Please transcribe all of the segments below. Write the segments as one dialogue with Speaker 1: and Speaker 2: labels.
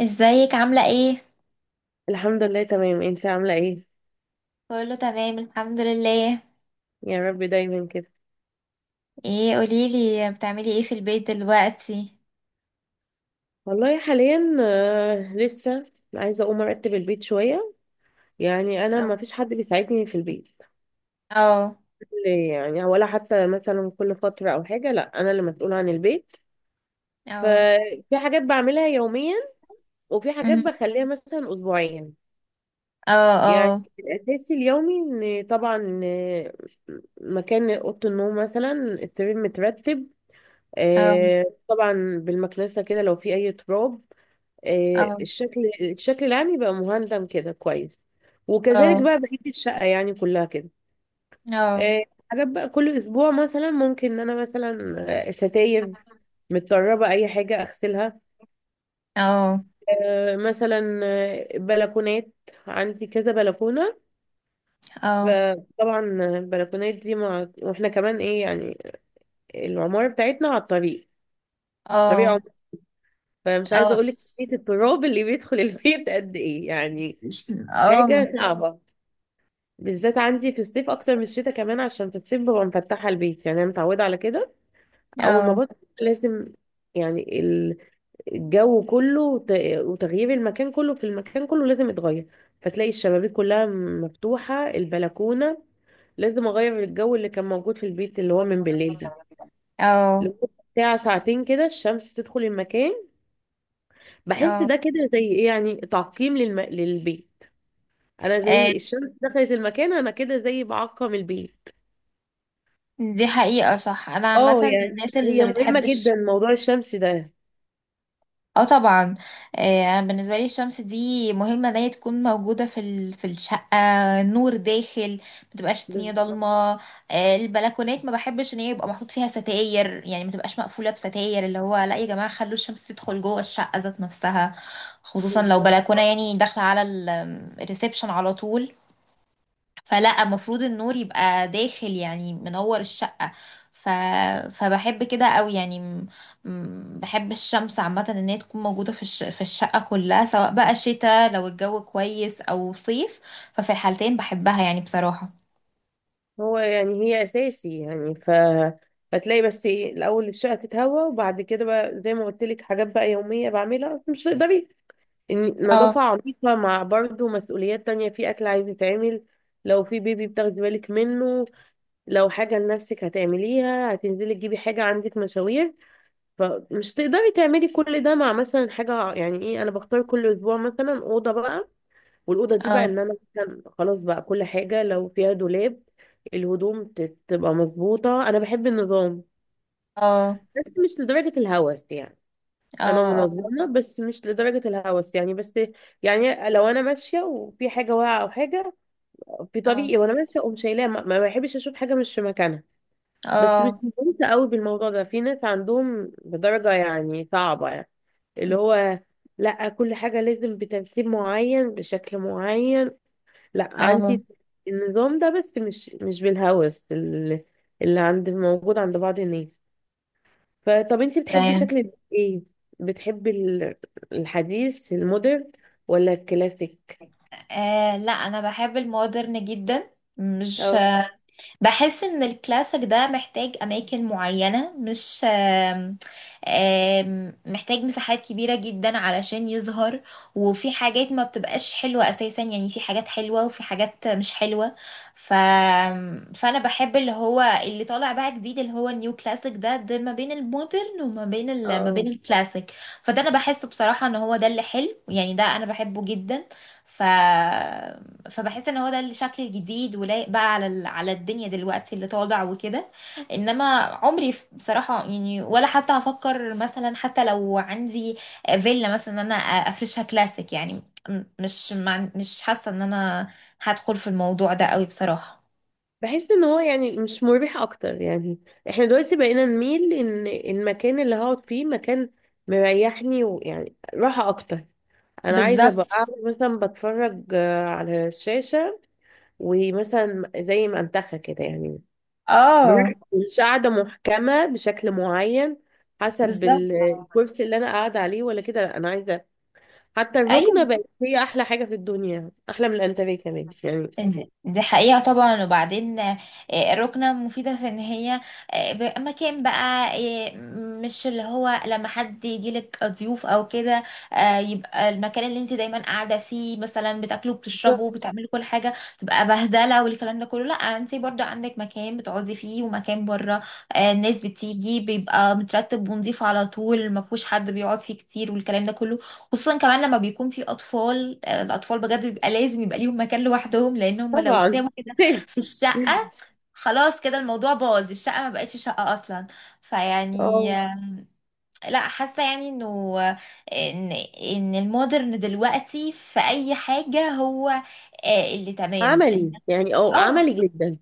Speaker 1: ازيك عاملة ايه؟
Speaker 2: الحمد لله تمام، انت عاملة ايه؟
Speaker 1: كله تمام الحمد لله.
Speaker 2: يا رب دايما كده.
Speaker 1: ايه قوليلي بتعملي ايه في البيت دلوقتي؟
Speaker 2: والله حاليا لسه عايزة اقوم ارتب البيت شوية. يعني انا ما
Speaker 1: اه،
Speaker 2: فيش حد بيساعدني في البيت.
Speaker 1: اه،
Speaker 2: ولا حتى مثلا كل فترة او حاجة، لا انا اللي مسؤولة عن البيت.
Speaker 1: اه،
Speaker 2: ففي حاجات بعملها يوميا، وفي حاجات
Speaker 1: مم.
Speaker 2: بخليها مثلا اسبوعيا.
Speaker 1: اه،
Speaker 2: يعني
Speaker 1: اه،
Speaker 2: الاساسي اليومي ان طبعا مكان اوضه النوم مثلا، السرير مترتب
Speaker 1: اه،
Speaker 2: طبعا. بالمكنسه كده لو في اي تراب.
Speaker 1: اه،
Speaker 2: الشكل العام يبقى مهندم كده كويس. وكذلك
Speaker 1: اه،
Speaker 2: بقى بقية الشقة يعني كلها كده.
Speaker 1: اه،
Speaker 2: آه، حاجات بقى كل أسبوع مثلا ممكن إن أنا مثلا ستاير متطربة أي حاجة أغسلها.
Speaker 1: اه،
Speaker 2: مثلا بلكونات، عندي كذا بلكونة.
Speaker 1: اه،
Speaker 2: فطبعا البلكونات دي واحنا كمان ايه يعني، العمارة بتاعتنا على الطريق، طريق
Speaker 1: اه،
Speaker 2: عمر. فمش عايزة
Speaker 1: اه،
Speaker 2: أقولك كمية التراب اللي بيدخل البيت قد ايه يعني،
Speaker 1: اه،
Speaker 2: حاجة صعبة. بالذات عندي في الصيف اكتر من الشتاء، كمان عشان في الصيف ببقى مفتحه البيت. يعني انا متعوده على كده،
Speaker 1: اه،
Speaker 2: اول ما
Speaker 1: اه،
Speaker 2: بصحى لازم، يعني الجو كله وتغيير المكان كله، في المكان كله لازم يتغير. فتلاقي الشبابيك كلها مفتوحه، البلكونه، لازم اغير الجو اللي كان موجود في البيت اللي هو من بالليل ده،
Speaker 1: اه.
Speaker 2: لمدة ساعة ساعتين كده الشمس تدخل المكان. بحس ده كده زي ايه يعني، تعقيم للبيت. انا
Speaker 1: آه،
Speaker 2: زي الشمس دخلت المكان، انا كده زي بعقم البيت.
Speaker 1: دي حقيقة صح، انا عامة
Speaker 2: اه
Speaker 1: من
Speaker 2: يعني
Speaker 1: الناس
Speaker 2: هي
Speaker 1: اللي
Speaker 2: مهمة جدا
Speaker 1: بتحبش.
Speaker 2: موضوع الشمس ده.
Speaker 1: اه طبعا. آه، انا بالنسبه لي الشمس دي مهمه ان هي تكون موجوده في في الشقه، نور داخل، ما تبقاش الدنيا
Speaker 2: بالظبط.
Speaker 1: ضلمه. آه، البلكونات ما بحبش ان هي يبقى محطوط فيها ستاير، يعني ما تبقاش مقفوله بستاير. اللي هو لا يا جماعه خلوا الشمس تدخل جوه الشقه ذات نفسها، خصوصا لو
Speaker 2: بالظبط.
Speaker 1: بلكونه يعني داخله على الريسبشن على طول. فلا المفروض النور يبقى داخل، يعني منور الشقة. ف... فبحب كده قوي يعني بحب الشمس عامة ان هي تكون موجودة في في الشقة كلها، سواء بقى شتاء لو الجو كويس او صيف. ففي الحالتين بحبها يعني بصراحة.
Speaker 2: هو يعني هي أساسي يعني، ف فتلاقي بس ايه الأول الشقة تتهوى، وبعد كده بقى زي ما قلت لك حاجات بقى يومية بعملها، بس مش تقدري
Speaker 1: اه،
Speaker 2: نظافة عميقة مع برضه مسؤوليات تانية، في أكل عايز يتعمل، لو في بيبي بتاخدي بالك منه، لو حاجة لنفسك هتعمليها، هتنزلي تجيبي حاجة، عندك مشاوير. فمش تقدري تعملي كل ده. مع مثلا حاجة يعني ايه، أنا بختار كل أسبوع مثلا أوضة بقى، والاوضه دي بقى
Speaker 1: اه،
Speaker 2: ان انا مثلا خلاص بقى كل حاجه لو فيها دولاب، الهدوم تبقى مظبوطه. انا بحب النظام
Speaker 1: اه،
Speaker 2: بس مش لدرجه الهوس يعني. انا
Speaker 1: اه،
Speaker 2: منظمه بس مش لدرجه الهوس يعني. بس يعني لو انا ماشيه وفي حاجه واقعه او حاجه في
Speaker 1: اه،
Speaker 2: طريقي وانا ماشيه اقوم شايلاها، ما بحبش اشوف حاجه مش في مكانها. بس مش
Speaker 1: اه،
Speaker 2: مهتمه قوي بالموضوع ده. في ناس عندهم بدرجه يعني صعبه يعني، اللي هو لا كل حاجه لازم بترتيب معين بشكل معين. لا
Speaker 1: اه، اه.
Speaker 2: عندي النظام ده بس مش مش بالهوس اللي عند موجود عند بعض الناس. فطب انتي
Speaker 1: كده
Speaker 2: بتحبي
Speaker 1: يعني.
Speaker 2: شكل ايه؟ بتحبي الحديث، المودرن ولا الكلاسيك؟
Speaker 1: آه لا، انا بحب المودرن جدا. مش...
Speaker 2: اه.
Speaker 1: بحس ان الكلاسيك ده محتاج اماكن معينة، مش آم، آم، محتاج مساحات كبيرة جدا علشان يظهر. وفي حاجات ما بتبقاش حلوة اساسا، يعني في حاجات حلوة وفي حاجات مش حلوة. ف... فانا بحب اللي هو اللي طالع بقى جديد، اللي هو النيو كلاسيك ده ما بين المودرن وما بين ما بين
Speaker 2: اه.
Speaker 1: الكلاسيك. فده انا بحس بصراحة ان هو ده اللي حلو، يعني ده انا بحبه جدا. ف فبحس ان هو ده الشكل الجديد ولايق بقى على على الدنيا دلوقتي اللي طالع وكده. انما عمري بصراحه، يعني ولا حتى هفكر مثلا حتى لو عندي فيلا مثلا ان انا افرشها كلاسيك يعني. مش حاسه ان انا هدخل في الموضوع ده قوي بصراحه.
Speaker 2: بحس ان هو يعني مش مريح اكتر يعني. احنا دلوقتي بقينا نميل ان المكان اللي هقعد فيه مكان مريحني ويعني راحة اكتر. انا عايزة ابقى
Speaker 1: بالظبط،
Speaker 2: قاعدة مثلا بتفرج على الشاشة، ومثلا زي ما انتخى كده يعني،
Speaker 1: اه،
Speaker 2: مش قاعدة محكمة بشكل معين حسب
Speaker 1: بالظبط،
Speaker 2: الكرسي اللي انا قاعدة عليه ولا كده، لا انا عايزة. حتى الركنة
Speaker 1: ايوه.
Speaker 2: بقت هي احلى حاجة في الدنيا، احلى من الانتريه كمان يعني.
Speaker 1: دي حقيقة طبعا، وبعدين آه، الركنة مفيدة في ان هي آه، مكان بقى، آه، مش اللي هو لما حد يجيلك ضيوف او كده، آه، يبقى المكان اللي انت دايما قاعدة فيه مثلا بتاكلوا بتشربوا بتعملوا كل حاجة، تبقى بهدلة والكلام ده كله. لا انت برضو عندك مكان بتقعدي فيه ومكان بره، آه، الناس بتيجي بيبقى مترتب ونضيف على طول، مفهوش حد بيقعد فيه كتير والكلام ده كله. خصوصا كمان لما بيكون في اطفال، آه، الاطفال بجد بيبقى لازم يبقى ليهم مكان لوحدهم، لان هم لو
Speaker 2: طبعا
Speaker 1: اتسابوا كده في الشقه، خلاص كده الموضوع باظ، الشقه ما بقتش شقه اصلا. فيعني
Speaker 2: اه
Speaker 1: لا حاسه يعني انه آه، ان المودرن دلوقتي في اي حاجه هو آه، اللي تمام.
Speaker 2: عملي يعني، اه
Speaker 1: اه
Speaker 2: عملي جدا.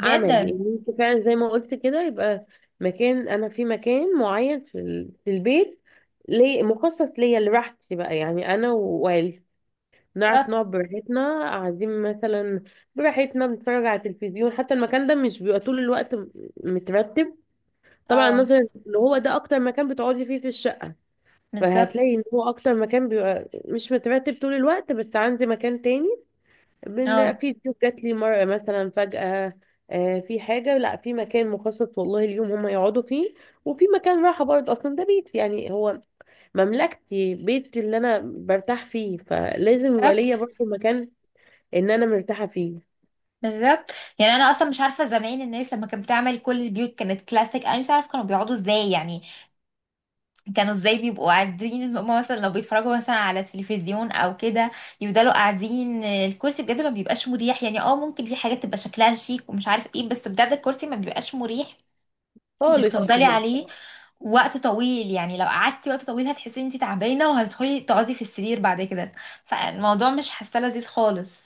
Speaker 2: عملي يعني، انت فعلا زي ما قلت كده، يبقى مكان انا في مكان معين في البيت ليه مخصص ليا لراحتي بقى يعني، انا وعيلتي نعرف
Speaker 1: بالظبط،
Speaker 2: نقعد براحتنا، قاعدين مثلا براحتنا بنتفرج على التلفزيون. حتى المكان ده مش بيبقى طول الوقت مترتب، طبعا،
Speaker 1: اه،
Speaker 2: مثلا اللي هو ده اكتر مكان بتقعدي فيه في الشقة.
Speaker 1: بالظبط،
Speaker 2: فهتلاقي ان هو اكتر مكان بيبقى مش مترتب طول الوقت، بس عندي مكان تاني.
Speaker 1: اه،
Speaker 2: في ضيوف جات لي مرة مثلا فجأة، في حاجة، لا في مكان مخصص والله اليوم هم يقعدوا فيه. وفي مكان راحة برضه، اصلا ده بيت يعني هو مملكتي، بيتي اللي انا برتاح فيه، فلازم يبقى ليا
Speaker 1: بالظبط،
Speaker 2: برضه مكان ان انا مرتاحه فيه.
Speaker 1: بالظبط. يعني انا اصلا مش عارفه زمان الناس لما كانت بتعمل كل البيوت كانت كلاسيك، انا مش عارفه كانوا بيقعدوا ازاي يعني. كانوا ازاي بيبقوا قاعدين ان هم مثلا لو بيتفرجوا مثلا على التلفزيون او كده، يفضلوا قاعدين الكرسي بجد ما بيبقاش مريح يعني. اه، ممكن في حاجات تبقى شكلها شيك ومش عارف ايه، بس بجد الكرسي ما بيبقاش مريح انك
Speaker 2: خالص
Speaker 1: تفضلي
Speaker 2: يعني.
Speaker 1: عليه وقت طويل. يعني لو قعدتي وقت طويل هتحسي ان انت تعبانه، وهتدخلي تقعدي في السرير بعد كده. فالموضوع مش حاسه لذيذ خالص.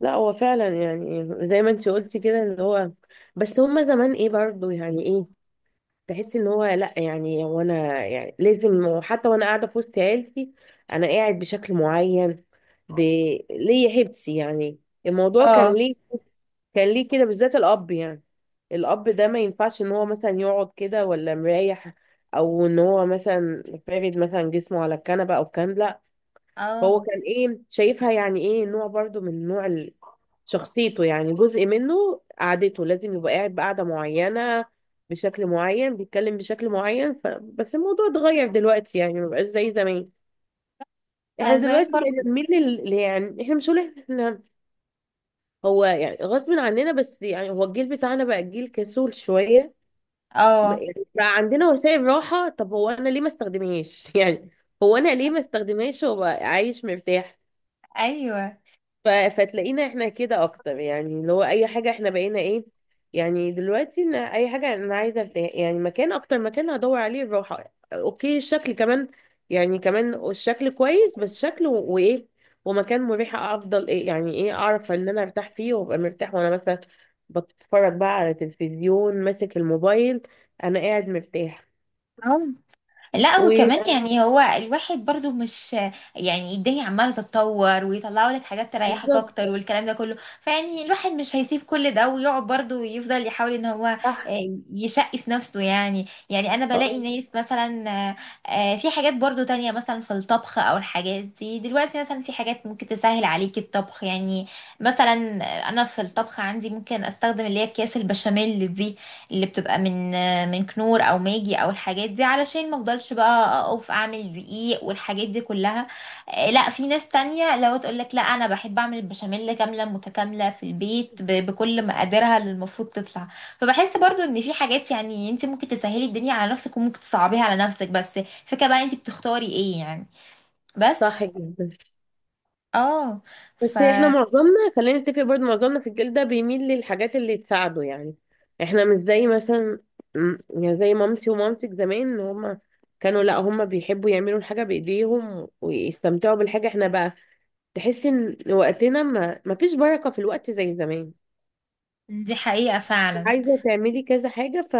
Speaker 2: لا هو فعلا يعني زي ما انت قلتي كده اللي هو، بس هما زمان ايه برضو يعني ايه، تحس ان هو لا يعني هو انا يعني لازم حتى وانا قاعده في وسط عيلتي انا قاعد بشكل معين، ب... ليا حبسي يعني. الموضوع كان
Speaker 1: اه،
Speaker 2: ليه كان ليه كده، بالذات الاب يعني. الاب ده ما ينفعش ان هو مثلا يقعد كده ولا مريح، او ان هو مثلا فارد مثلا جسمه على الكنبه او الكلام ده. هو
Speaker 1: اه،
Speaker 2: كان ايه شايفها يعني ايه، نوع برضو من نوع شخصيته يعني جزء منه، قعدته لازم يبقى قاعد بقعدة معينة بشكل معين، بيتكلم بشكل معين. بس الموضوع اتغير دلوقتي يعني، مبقاش زي زمان. احنا
Speaker 1: آه، زمان
Speaker 2: دلوقتي
Speaker 1: برضه،
Speaker 2: بقينا بنميل يعني احنا مش هقول احنا، هو يعني غصب عننا، بس يعني هو الجيل بتاعنا بقى جيل كسول شوية.
Speaker 1: اه،
Speaker 2: يعني بقى عندنا وسائل راحة، طب هو انا ليه ما استخدمهاش يعني، هو انا ليه ما استخدمهاش وابقى عايش مرتاح.
Speaker 1: ايوه.
Speaker 2: فتلاقينا احنا كده اكتر يعني، اللي هو اي حاجه احنا بقينا ايه يعني، دلوقتي ان اي حاجه انا عايزه ارتاح يعني، مكان اكتر مكان هدور عليه الراحه، اوكي الشكل كمان، يعني كمان الشكل كويس، بس شكل وايه، ومكان مريح افضل، ايه يعني ايه، اعرف ان انا ارتاح فيه وابقى مرتاح وانا مثلا بتفرج بقى على تلفزيون ماسك الموبايل، انا قاعد مرتاح.
Speaker 1: لا وكمان يعني هو الواحد برضو مش... يعني الدنيا عمالة تتطور ويطلعوا لك حاجات تريحك
Speaker 2: وبالظبط.
Speaker 1: اكتر والكلام ده كله. فيعني الواحد مش هيسيب كل ده ويقعد برضو يفضل يحاول ان هو
Speaker 2: صح.
Speaker 1: آه، يشقي في نفسه يعني. يعني انا
Speaker 2: اه.
Speaker 1: بلاقي ناس مثلا آه، آه، في حاجات برضو تانية مثلا في الطبخ او الحاجات دي. دلوقتي مثلا في حاجات ممكن تسهل عليك الطبخ يعني. مثلا انا في الطبخ عندي ممكن استخدم اللي هي اكياس البشاميل دي اللي بتبقى من كنور او ماجي او الحاجات دي، علشان ما افضلش بقى اقف اعمل دقيق والحاجات دي كلها. آه، لا في ناس تانية لو تقول لك لا، انا بحب اعمل البشاميل كاملة متكاملة في البيت بكل مقاديرها اللي المفروض تطلع. فبحس برضو ان في حاجات يعني انت ممكن تسهلي الدنيا على نفسك وممكن تصعبيها على نفسك، بس فكرة بقى انت بتختاري ايه يعني. بس،
Speaker 2: صح جدا.
Speaker 1: اه، ف
Speaker 2: بس احنا معظمنا خلينا نتفق، برضه معظمنا في الجيل ده بيميل للحاجات اللي تساعده يعني. احنا مش زي مثلا يعني زي مامتي ومامتك زمان، ان هما كانوا لا هما بيحبوا يعملوا الحاجة بإيديهم ويستمتعوا بالحاجة. احنا بقى تحس ان وقتنا ما فيش بركة في الوقت زي زمان.
Speaker 1: دي حقيقة فعلا،
Speaker 2: عايزة تعملي كذا حاجة، ف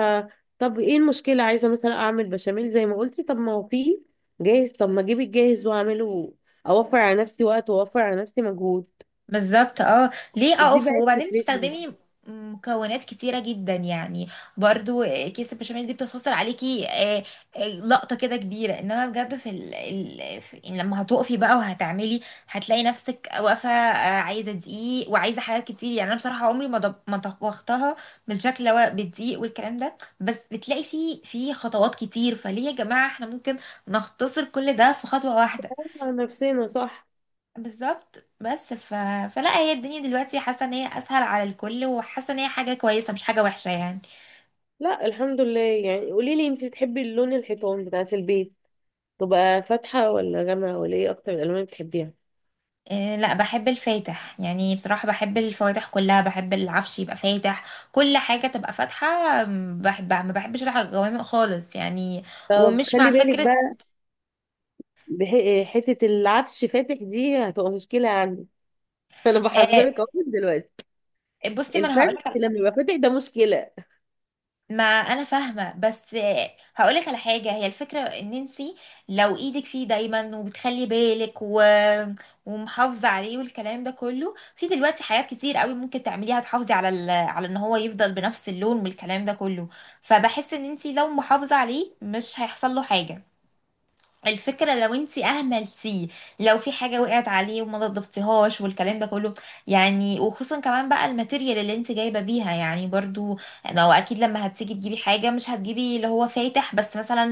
Speaker 2: طب ايه المشكلة، عايزة مثلا اعمل بشاميل زي ما قلتي، طب ما هو فيه جاهز، طب ما اجيب الجاهز واعمله، اوفر على نفسي وقت واوفر على نفسي مجهود.
Speaker 1: بالظبط، اه. ليه
Speaker 2: دي
Speaker 1: اقف
Speaker 2: بقت
Speaker 1: وبعدين
Speaker 2: فكرتي.
Speaker 1: بتستخدمي مكونات كتيرة جدا يعني. برضو كيس البشاميل دي بتختصر عليكي آه، آه، لقطة كده كبيرة. انما بجد في، في يعني لما هتقفي بقى وهتعملي، هتلاقي نفسك واقفة آه، عايزة دقيق وعايزة حاجات كتير يعني. انا بصراحة عمري ما ما طبختها بالشكل، هو بالدقيق والكلام ده. بس بتلاقي فيه في خطوات كتير، فليه يا جماعة احنا ممكن نختصر كل ده في خطوة واحدة.
Speaker 2: على نفسنا، صح.
Speaker 1: بالظبط، بس فلا هي الدنيا دلوقتي حاسه ان هي اسهل على الكل وحاسه ان هي حاجه كويسه مش حاجه وحشه يعني.
Speaker 2: لا الحمد لله يعني. قولي لي انت بتحبي اللون، الحيطان بتاعت البيت تبقى فاتحة ولا غامقة ولا ايه، اكتر الالوان اللي بتحبيها؟
Speaker 1: إيه لا، بحب الفاتح، يعني بصراحه بحب الفواتح كلها، بحب العفش يبقى فاتح، كل حاجه تبقى فاتحه. بحبها، ما بحبش الغوامق خالص يعني،
Speaker 2: طب
Speaker 1: ومش مع
Speaker 2: خلي بالك
Speaker 1: فكره.
Speaker 2: بقى، حتة العفش فاتح دي هتبقى مشكلة عندي أنا
Speaker 1: آه،
Speaker 2: بحذرك أهو من دلوقتي.
Speaker 1: بصي ما انا
Speaker 2: الفرش
Speaker 1: هقول،
Speaker 2: لما يبقى فاتح ده مشكلة.
Speaker 1: ما انا فاهمه، بس هقولك على حاجه: هي الفكره ان انتي لو ايدك فيه دايما وبتخلي بالك ومحافظه عليه والكلام ده كله، في دلوقتي حاجات كتير قوي ممكن تعمليها تحافظي على على ان هو يفضل بنفس اللون والكلام ده كله. فبحس ان انتي لو محافظه عليه مش هيحصل له حاجه، الفكرة لو انتي اهملتيه، لو في حاجة وقعت عليه وما نضفتيهاش والكلام ده كله. يعني وخصوصا كمان بقى الماتيريال اللي انتي جايبة بيها يعني برضو، ما هو اكيد لما هتيجي تجيبي حاجة مش هتجيبي اللي هو فاتح بس، مثلا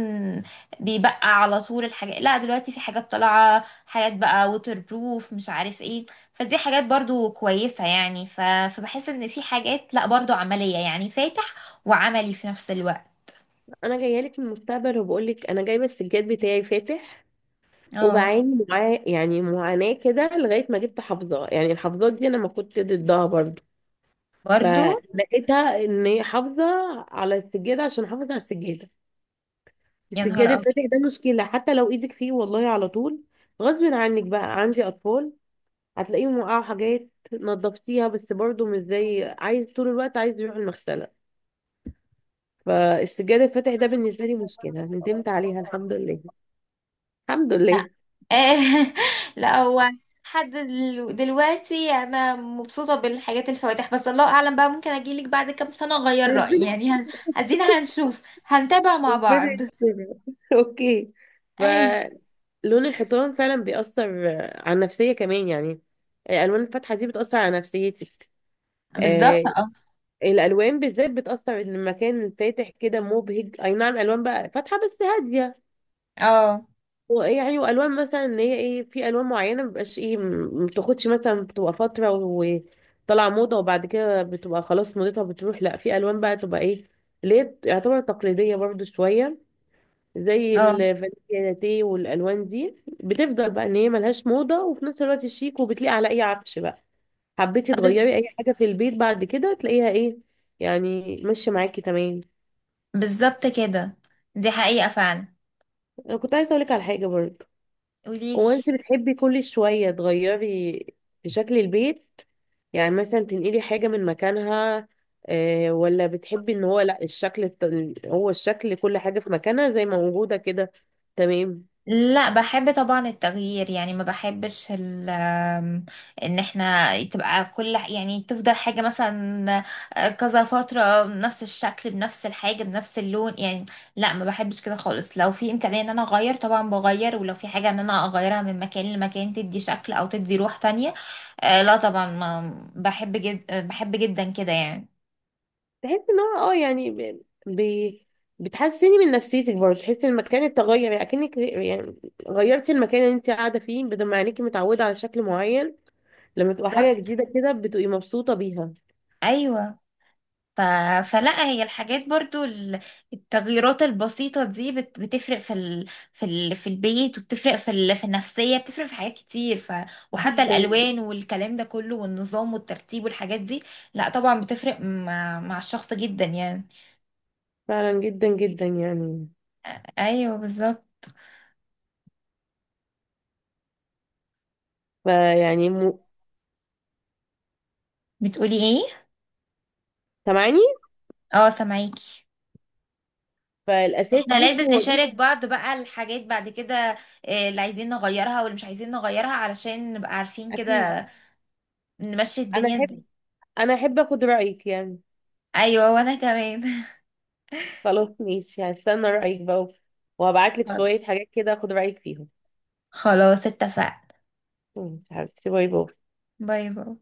Speaker 1: بيبقى على طول الحاجة. لا دلوقتي في حاجات طالعة، حاجات بقى ووتر بروف مش عارف ايه، فدي حاجات برضو كويسة يعني. فبحس ان في حاجات لا برضو عملية، يعني فاتح وعملي في نفس الوقت.
Speaker 2: أنا جاية لك من المستقبل وبقول لك، أنا جايبة السجاد بتاعي فاتح
Speaker 1: اه
Speaker 2: وبعاني معاه يعني معاناة كده، لغاية ما جبت حافظة. يعني الحافظات دي أنا ما كنت ضدها برضه،
Speaker 1: برضو،
Speaker 2: فلقيتها ان هي حافظه على السجاده، عشان حافظه على السجاده.
Speaker 1: يا
Speaker 2: السجاده
Speaker 1: نهار
Speaker 2: الفاتح ده مشكله، حتى لو ايدك فيه والله على طول، غصب عنك بقى. عندي اطفال، هتلاقيهم وقعوا حاجات نظفتيها، بس برضو مش زي، عايز طول الوقت عايز يروح المغسله. فالسجاده الفاتح ده بالنسبه لي مشكله، ندمت
Speaker 1: ابيض،
Speaker 2: عليها. الحمد لله. الحمد لله.
Speaker 1: آه، لا هو. حد دلوقتي انا مبسوطه بالحاجات الفواتح، بس الله اعلم بقى ممكن اجيلك بعد كام سنه اغير رايي
Speaker 2: ربنا،
Speaker 1: يعني، ادينا هنشوف، هنتابع مع
Speaker 2: ربنا
Speaker 1: بعض.
Speaker 2: يستر اوكي،
Speaker 1: اي،
Speaker 2: فلون الحيطان فعلا بيأثر على النفسيه كمان يعني. الالوان الفاتحه دي بتأثر على نفسيتك.
Speaker 1: بالظبط،
Speaker 2: آه.
Speaker 1: اه،
Speaker 2: الالوان بالذات بتاثر، ان المكان فاتح كده مبهج. اي نعم الوان بقى فاتحه بس هاديه،
Speaker 1: اه،
Speaker 2: ويعني والوان مثلا ان هي ايه، في الوان معينه مبقاش ايه، ما بتاخدش مثلا، بتبقى فتره وطالعه موضه وبعد كده بتبقى خلاص موضتها بتروح. لا في الوان بقى تبقى ايه، اللي هي يعتبر تقليديه برضو شويه، زي
Speaker 1: اه،
Speaker 2: الفانيليا لاتيه، والالوان دي بتفضل بقى ان هي ملهاش موضه، وفي نفس الوقت شيك وبتليق على اي عفش بقى. حبيتي
Speaker 1: بس
Speaker 2: تغيري اي حاجه في البيت بعد كده تلاقيها ايه، يعني ماشيه معاكي تمام.
Speaker 1: بالظبط كده، دي حقيقه فعلا.
Speaker 2: انا كنت عايزه اقولك على حاجه برضه،
Speaker 1: قوليلي.
Speaker 2: هو انت بتحبي كل شويه تغيري في شكل البيت، يعني مثلا تنقلي حاجه من مكانها، آه، ولا بتحبي ان هو لا، الشكل هو الشكل كل حاجه في مكانها زي ما موجوده كده تمام؟
Speaker 1: لا بحب طبعا التغيير، يعني ما بحبش ال آم، ان احنا تبقى كل يعني تفضل حاجة مثلا آه، كذا فترة بنفس الشكل بنفس الحاجة بنفس اللون يعني. لا ما بحبش كده خالص، لو في امكانية ان انا اغير طبعا بغير، ولو في حاجة ان انا اغيرها من مكان لمكان تدي شكل او تدي روح تانية. آه، لا طبعا، ما بحب جد، بحب جدا كده يعني.
Speaker 2: تحسي ان هو اه يعني بتحسني من نفسيتك برضه، تحسي ان المكان اتغير يعني، اكنك يعني غيرتي المكان اللي انت قاعده فيه، بدل ما عينيكي متعوده على شكل معين، لما تبقى حاجة
Speaker 1: بالظبط،
Speaker 2: جديدة كده بتبقي مبسوطة بيها.
Speaker 1: ايوه. ف... فلا هي الحاجات برضو التغييرات البسيطة دي بتفرق في في البيت، وبتفرق في في النفسية، بتفرق في حاجات كتير. وحتى
Speaker 2: جدا،
Speaker 1: الألوان والكلام ده كله والنظام والترتيب والحاجات دي، لا طبعا بتفرق مع الشخص جدا يعني.
Speaker 2: فعلا جدا جدا يعني.
Speaker 1: ايوه بالظبط.
Speaker 2: فيعني
Speaker 1: بتقولي ايه؟
Speaker 2: سامعاني؟
Speaker 1: اه سامعاكي.
Speaker 2: فالأساس
Speaker 1: احنا لازم
Speaker 2: بصي هو ده.
Speaker 1: نشارك بعض بقى الحاجات بعد كده، آه، اللي عايزين نغيرها واللي مش عايزين نغيرها، علشان نبقى عارفين
Speaker 2: أكيد.
Speaker 1: كده نمشي
Speaker 2: أنا
Speaker 1: الدنيا
Speaker 2: أحب،
Speaker 1: ازاي.
Speaker 2: أنا أحب أخد رأيك يعني.
Speaker 1: ايوه وانا كمان.
Speaker 2: خلاص ماشي، هستنى رأيك بقى، وهبعتلك شوية حاجات كده أخد رأيك فيهم.
Speaker 1: خلاص اتفقنا،
Speaker 2: ماشي حبيبتي، باي باي.
Speaker 1: باي باي.